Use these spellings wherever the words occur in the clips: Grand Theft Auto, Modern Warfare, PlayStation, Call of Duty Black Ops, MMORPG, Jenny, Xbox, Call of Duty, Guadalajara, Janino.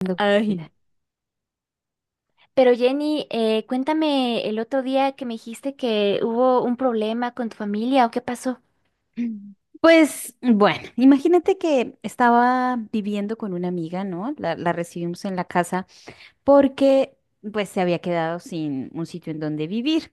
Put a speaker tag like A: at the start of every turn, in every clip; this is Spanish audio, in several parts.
A: Dando vida.
B: Ay. Pero Jenny, cuéntame el otro día que me dijiste que hubo un problema con tu familia o qué pasó.
A: Pues bueno, imagínate que estaba viviendo con una amiga, ¿no? La recibimos en la casa porque pues se había quedado sin un sitio en donde vivir.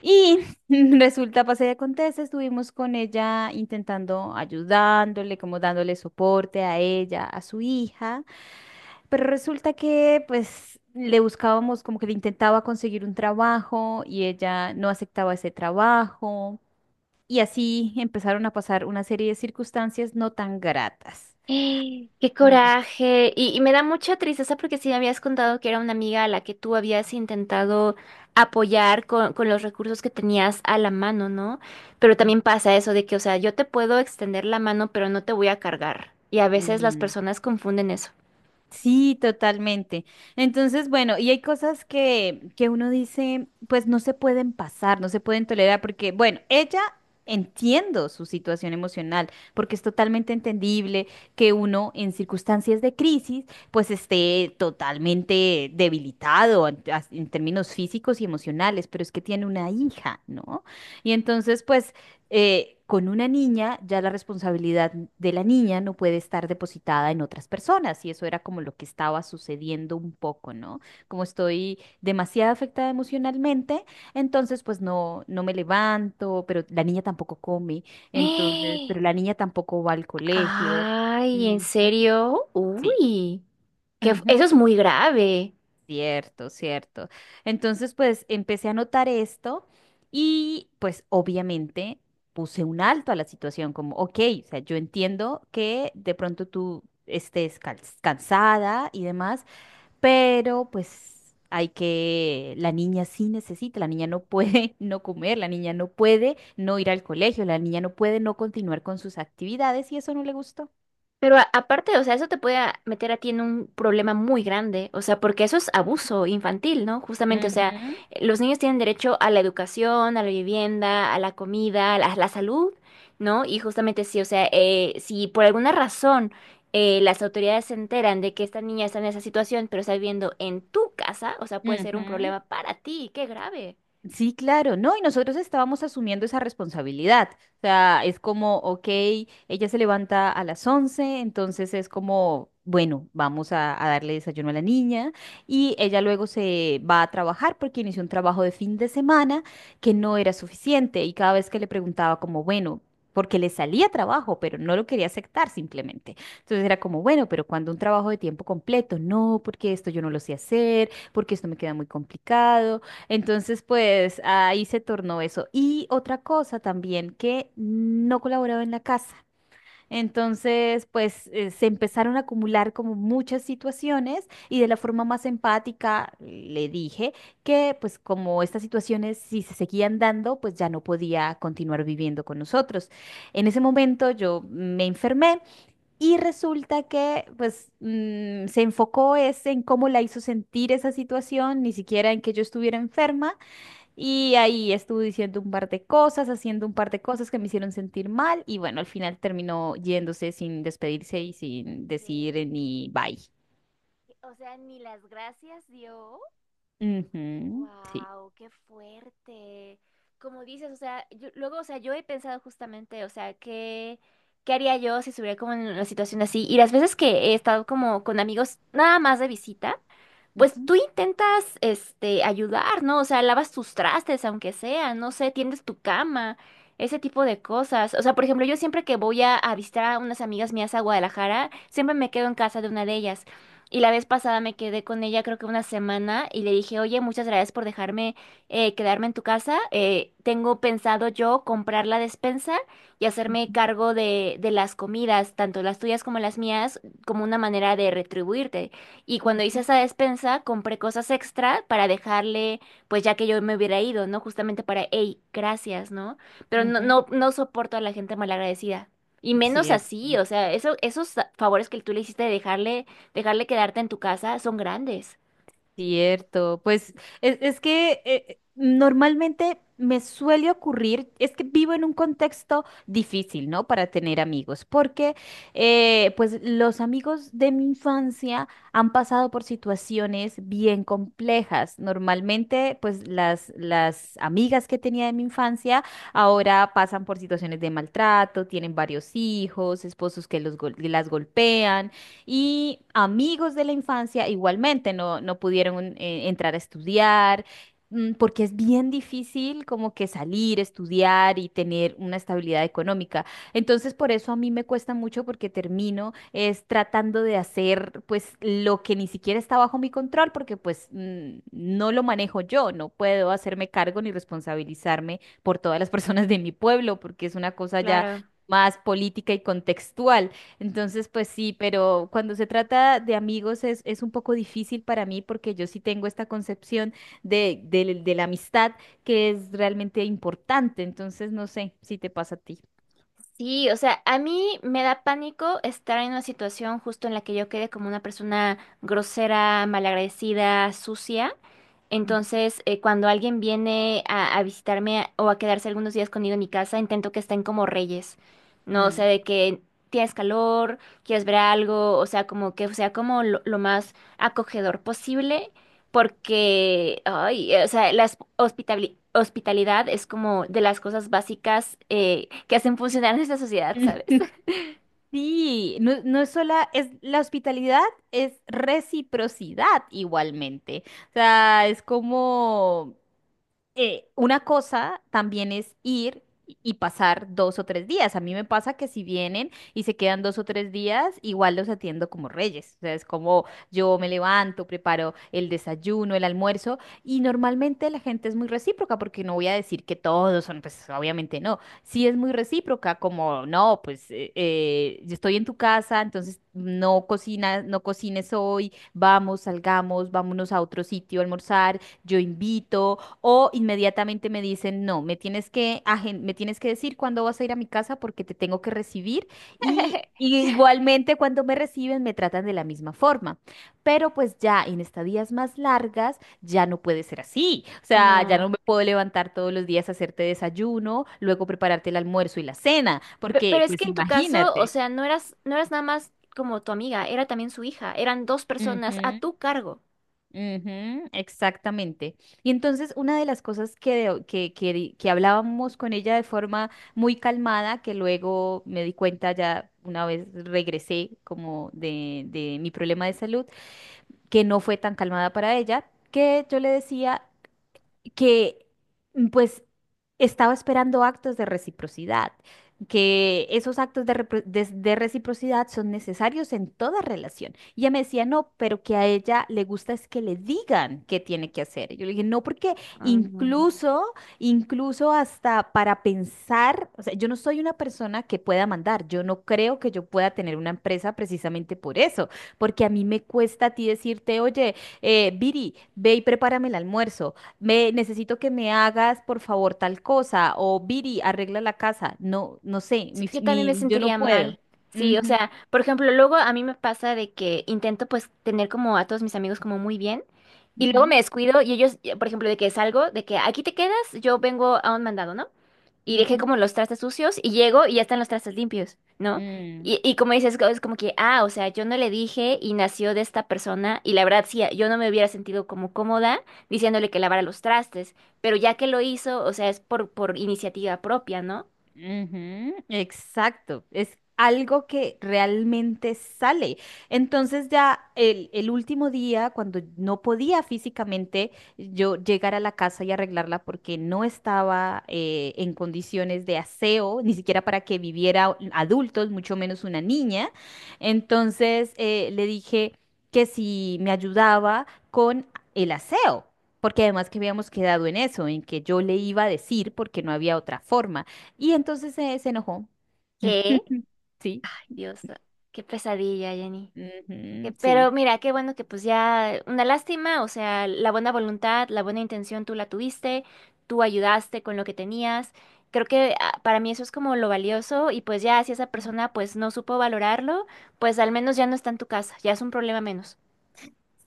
A: Y resulta, pasa y acontece, estuvimos con ella intentando ayudándole, como dándole soporte a ella, a su hija, pero resulta que pues le buscábamos, como que le intentaba conseguir un trabajo y ella no aceptaba ese trabajo. Y así empezaron a pasar una serie de circunstancias no tan gratas.
B: ¡Eh! ¡Qué
A: Mm,
B: coraje! Y me da mucha tristeza porque sí me habías contado que era una amiga a la que tú habías intentado apoyar con los recursos que tenías a la mano, ¿no? Pero
A: mm,
B: también pasa eso de que, o sea, yo te puedo extender la mano, pero no te voy a cargar. Y a veces las
A: mm.
B: personas confunden eso.
A: Sí, totalmente. Entonces, bueno, y hay cosas que uno dice, pues no se pueden pasar, no se pueden tolerar, porque, bueno, ella entiendo su situación emocional, porque es totalmente entendible que uno en circunstancias de crisis, pues esté totalmente debilitado en términos físicos y emocionales, pero es que tiene una hija, ¿no? Y entonces, pues con una niña, ya la responsabilidad de la niña no puede estar depositada en otras personas, y eso era como lo que estaba sucediendo un poco, ¿no? Como estoy demasiado afectada emocionalmente, entonces pues no, no me levanto, pero la niña tampoco come, entonces,
B: ¡Eh!
A: pero la niña tampoco va al colegio.
B: Ay, ¿en
A: Ujú.
B: serio?
A: Sí.
B: Uy,
A: Ujú.
B: eso es muy grave.
A: Cierto, cierto. Entonces, pues empecé a notar esto y pues obviamente puse un alto a la situación, como, ok, o sea, yo entiendo que de pronto tú estés cansada y demás, pero pues hay que, la niña sí necesita, la niña no puede no comer, la niña no puede no ir al colegio, la niña no puede no continuar con sus actividades y eso no le gustó.
B: Pero aparte, o sea, eso te puede meter a ti en un problema muy grande, o sea, porque eso es abuso infantil, ¿no? Justamente, o sea,
A: Ujú,
B: los niños tienen derecho a la educación, a la vivienda, a la comida, a la salud, ¿no? Y justamente sí, o sea, si por alguna razón las autoridades se enteran de que esta niña está en esa situación, pero está viviendo en tu casa, o sea, puede ser un
A: ujú.
B: problema para ti, qué grave.
A: Sí, claro, ¿no? Y nosotros estábamos asumiendo esa responsabilidad. O sea, es como, ok, ella se levanta a las 11, entonces es como, bueno, vamos a darle desayuno a la niña y ella luego se va a trabajar porque inició un trabajo de fin de semana que no era suficiente y cada vez que le preguntaba como, bueno, porque le salía trabajo, pero no lo quería aceptar simplemente. Entonces era como, bueno, pero cuando un trabajo de tiempo completo, no, porque esto yo no lo sé hacer, porque esto me queda muy complicado. Entonces, pues ahí se tornó eso. Y otra cosa también, que no colaboraba en la casa. Entonces, pues se
B: Ay,
A: empezaron a acumular como muchas situaciones y de la
B: ajá.
A: forma más empática le dije que pues como estas situaciones si se seguían dando, pues ya no podía continuar viviendo con nosotros. En ese momento yo me enfermé y resulta que pues se enfocó es en cómo la hizo sentir esa situación, ni siquiera en que yo estuviera enferma y ahí estuve diciendo un par de cosas, haciendo un par de cosas que me hicieron sentir mal y bueno, al final terminó yéndose sin despedirse y sin
B: ¿Qué?
A: decir ni bye.
B: O sea, ni las gracias dio.
A: Ujú. Sí.
B: Wow, qué fuerte. Como dices, o sea, luego, o sea, yo he pensado justamente, o sea, ¿qué haría yo si estuviera como en una situación así? Y las veces que he estado como con amigos nada más de visita. Pues
A: Ujú,
B: tú intentas, este, ayudar, ¿no? O sea, lavas tus trastes, aunque sea, no sé, tiendes tu cama, ese tipo de cosas. O sea, por ejemplo, yo siempre que voy a visitar a unas amigas mías a Guadalajara, siempre me quedo en casa de una de ellas. Y la vez pasada me quedé con ella creo que una semana y le dije, oye, muchas gracias por dejarme quedarme en tu casa. Tengo pensado yo comprar la despensa y hacerme
A: ujú,
B: cargo de las comidas, tanto las tuyas como las mías, como una manera de retribuirte. Y cuando hice
A: ujú,
B: esa despensa, compré cosas extra para dejarle, pues ya que yo me hubiera ido, ¿no? Justamente para, hey, gracias, ¿no? Pero
A: ujú.
B: no soporto a la gente malagradecida. Y menos así,
A: Cierto.
B: o sea, eso, esos favores que tú le hiciste de dejarle, dejarle quedarte en tu casa son grandes.
A: Cierto, pues es que normalmente me suele ocurrir, es que vivo en un contexto difícil, ¿no? Para tener amigos, porque pues los amigos de mi infancia han pasado por situaciones bien complejas. Normalmente pues las amigas que tenía de mi infancia ahora pasan por situaciones de maltrato, tienen varios hijos, esposos que los las golpean y amigos de la infancia igualmente no, no pudieron entrar a estudiar, porque es bien difícil como que salir, estudiar y tener una estabilidad económica. Entonces, por eso a mí me cuesta mucho porque termino es tratando de hacer pues lo que ni siquiera está bajo mi control porque pues no lo manejo yo, no puedo hacerme cargo ni responsabilizarme por todas las personas de mi pueblo porque es una cosa ya
B: Claro.
A: más política y contextual. Entonces, pues sí, pero cuando se trata de amigos es un poco difícil para mí porque yo sí tengo esta concepción de la amistad que es realmente importante. Entonces, no sé si te pasa a ti.
B: Sí, o sea, a mí me da pánico estar en una situación justo en la que yo quede como una persona grosera, malagradecida, sucia.
A: Ujú.
B: Entonces, cuando alguien viene a visitarme o a quedarse algunos días conmigo en mi casa, intento que estén como reyes, ¿no? O sea,
A: Mm.
B: de que tienes calor, quieres ver algo, o sea, como que sea como lo más acogedor posible porque, ay, o sea, la hospitalidad es como de las cosas básicas que hacen funcionar nuestra sociedad, ¿sabes?
A: Sí, no, no es sola, es la hospitalidad es reciprocidad igualmente. O sea, es como una cosa también es ir y pasar dos o tres días. A mí me pasa que si vienen y se quedan dos o tres días, igual los atiendo como reyes. O sea, es como yo me levanto, preparo el desayuno, el almuerzo y normalmente la gente es muy recíproca porque no voy a decir que todos son, pues obviamente no. Sí es muy recíproca como, no, pues yo estoy en tu casa, entonces no cocinas, no cocines hoy, vamos, salgamos, vámonos a otro sitio a almorzar, yo invito. O inmediatamente me dicen, no, me tienes que, me tienes que decir cuándo vas a ir a mi casa porque te tengo que recibir. Y, y igualmente cuando me reciben me tratan de la misma forma. Pero pues ya en estadías más largas ya no puede ser así. O sea, ya no
B: No.
A: me puedo levantar todos los días a hacerte desayuno, luego prepararte el almuerzo y la cena,
B: Pero
A: porque
B: es que
A: pues
B: en tu caso, o
A: imagínate.
B: sea, no eras nada más como tu amiga, era también su hija, eran dos personas a tu cargo.
A: Ujú, exactamente. Y entonces una de las cosas que hablábamos con ella de forma muy calmada, que luego me di cuenta ya una vez regresé como de mi problema de salud, que no fue tan calmada para ella, que yo le decía que pues estaba esperando actos de reciprocidad, que esos actos de reciprocidad son necesarios en toda relación. Y ella me decía, no, pero que a ella le gusta es que le digan qué tiene que hacer. Y yo le dije, no, porque
B: Mm.
A: incluso, incluso hasta para pensar, o sea, yo no soy una persona que pueda mandar, yo no creo que yo pueda tener una empresa precisamente por eso, porque a mí me cuesta a ti decirte, oye, Viri, ve y prepárame el almuerzo. Me necesito que me hagas, por favor, tal cosa, o Viri, arregla la casa. No, no sé,
B: Sí, yo también me
A: yo no
B: sentiría
A: puedo.
B: mal. Sí, o
A: Ujú,
B: sea, por ejemplo, luego a mí me pasa de que intento pues tener como a todos mis amigos como muy bien y luego
A: ujú,
B: me descuido y ellos, por ejemplo, de que salgo, de que aquí te quedas, yo vengo a un mandado, ¿no? Y dejé
A: ujú.
B: como los trastes sucios y llego y ya están los trastes limpios, ¿no?
A: Mm.
B: Y como dices, es como que, ah, o sea, yo no le dije y nació de esta persona y la verdad sí, yo no me hubiera sentido como cómoda diciéndole que lavara los trastes, pero ya que lo hizo, o sea, es por iniciativa propia, ¿no?
A: Ujú, exacto, es algo que realmente sale. Entonces ya el último día, cuando no podía físicamente yo llegar a la casa y arreglarla porque no estaba en condiciones de aseo, ni siquiera para que viviera adultos, mucho menos una niña, entonces le dije que si me ayudaba con el aseo. Porque además que habíamos quedado en eso, en que yo le iba a decir porque no había otra forma. Y entonces se enojó.
B: ¿Qué?
A: Sí,
B: Dios, qué pesadilla, Jenny. Que-
A: ujú,
B: Pero
A: sí.
B: mira, qué bueno que pues ya, una lástima, o sea, la buena voluntad, la buena intención tú la tuviste, tú ayudaste con lo que tenías. Creo que ah, para mí eso es como lo valioso y pues ya si esa persona pues no supo valorarlo, pues al menos ya no está en tu casa, ya es un problema menos.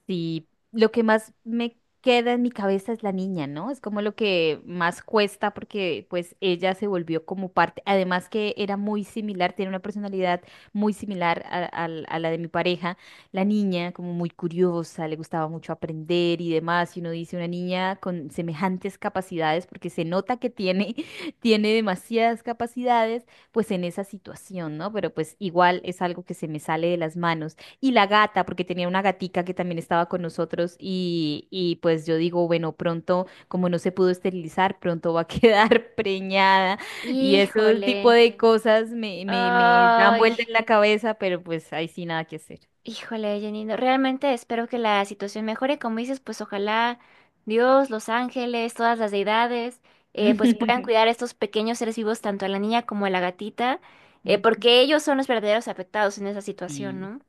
A: Sí, lo que más me queda en mi cabeza es la niña, ¿no? Es como lo que más cuesta porque pues ella se volvió como parte, además que era muy similar, tiene una personalidad muy similar a la de mi pareja, la niña como muy curiosa, le gustaba mucho aprender y demás, y uno dice una niña con semejantes capacidades porque se nota que tiene, tiene demasiadas capacidades pues en esa situación, ¿no? Pero pues igual es algo que se me sale de las manos. Y la gata, porque tenía una gatica que también estaba con nosotros y pues yo digo, bueno, pronto, como no se pudo esterilizar, pronto va a quedar preñada y esos tipo
B: Híjole.
A: de cosas me dan
B: Ay.
A: vuelta en la cabeza, pero pues ahí sí nada que hacer.
B: Híjole, Janino, realmente espero que la situación mejore. Como dices, pues ojalá Dios, los ángeles, todas las deidades, pues puedan cuidar a estos pequeños seres vivos, tanto a la niña como a la gatita, porque ellos son los verdaderos afectados en esa situación,
A: Sí.
B: ¿no?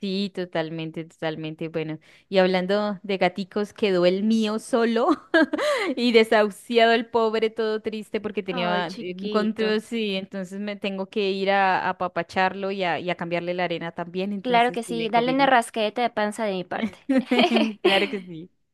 A: Sí, totalmente, totalmente. Bueno, y hablando de gaticos, quedó el mío solo y desahuciado el pobre, todo triste porque
B: Ay,
A: tenía
B: chiquito.
A: encontró, sí, entonces me tengo que ir a apapacharlo y a cambiarle la arena también,
B: Claro
A: entonces
B: que
A: te
B: sí,
A: dejo,
B: dale una
A: Viri.
B: rascadita de panza de mi parte.
A: Claro que sí.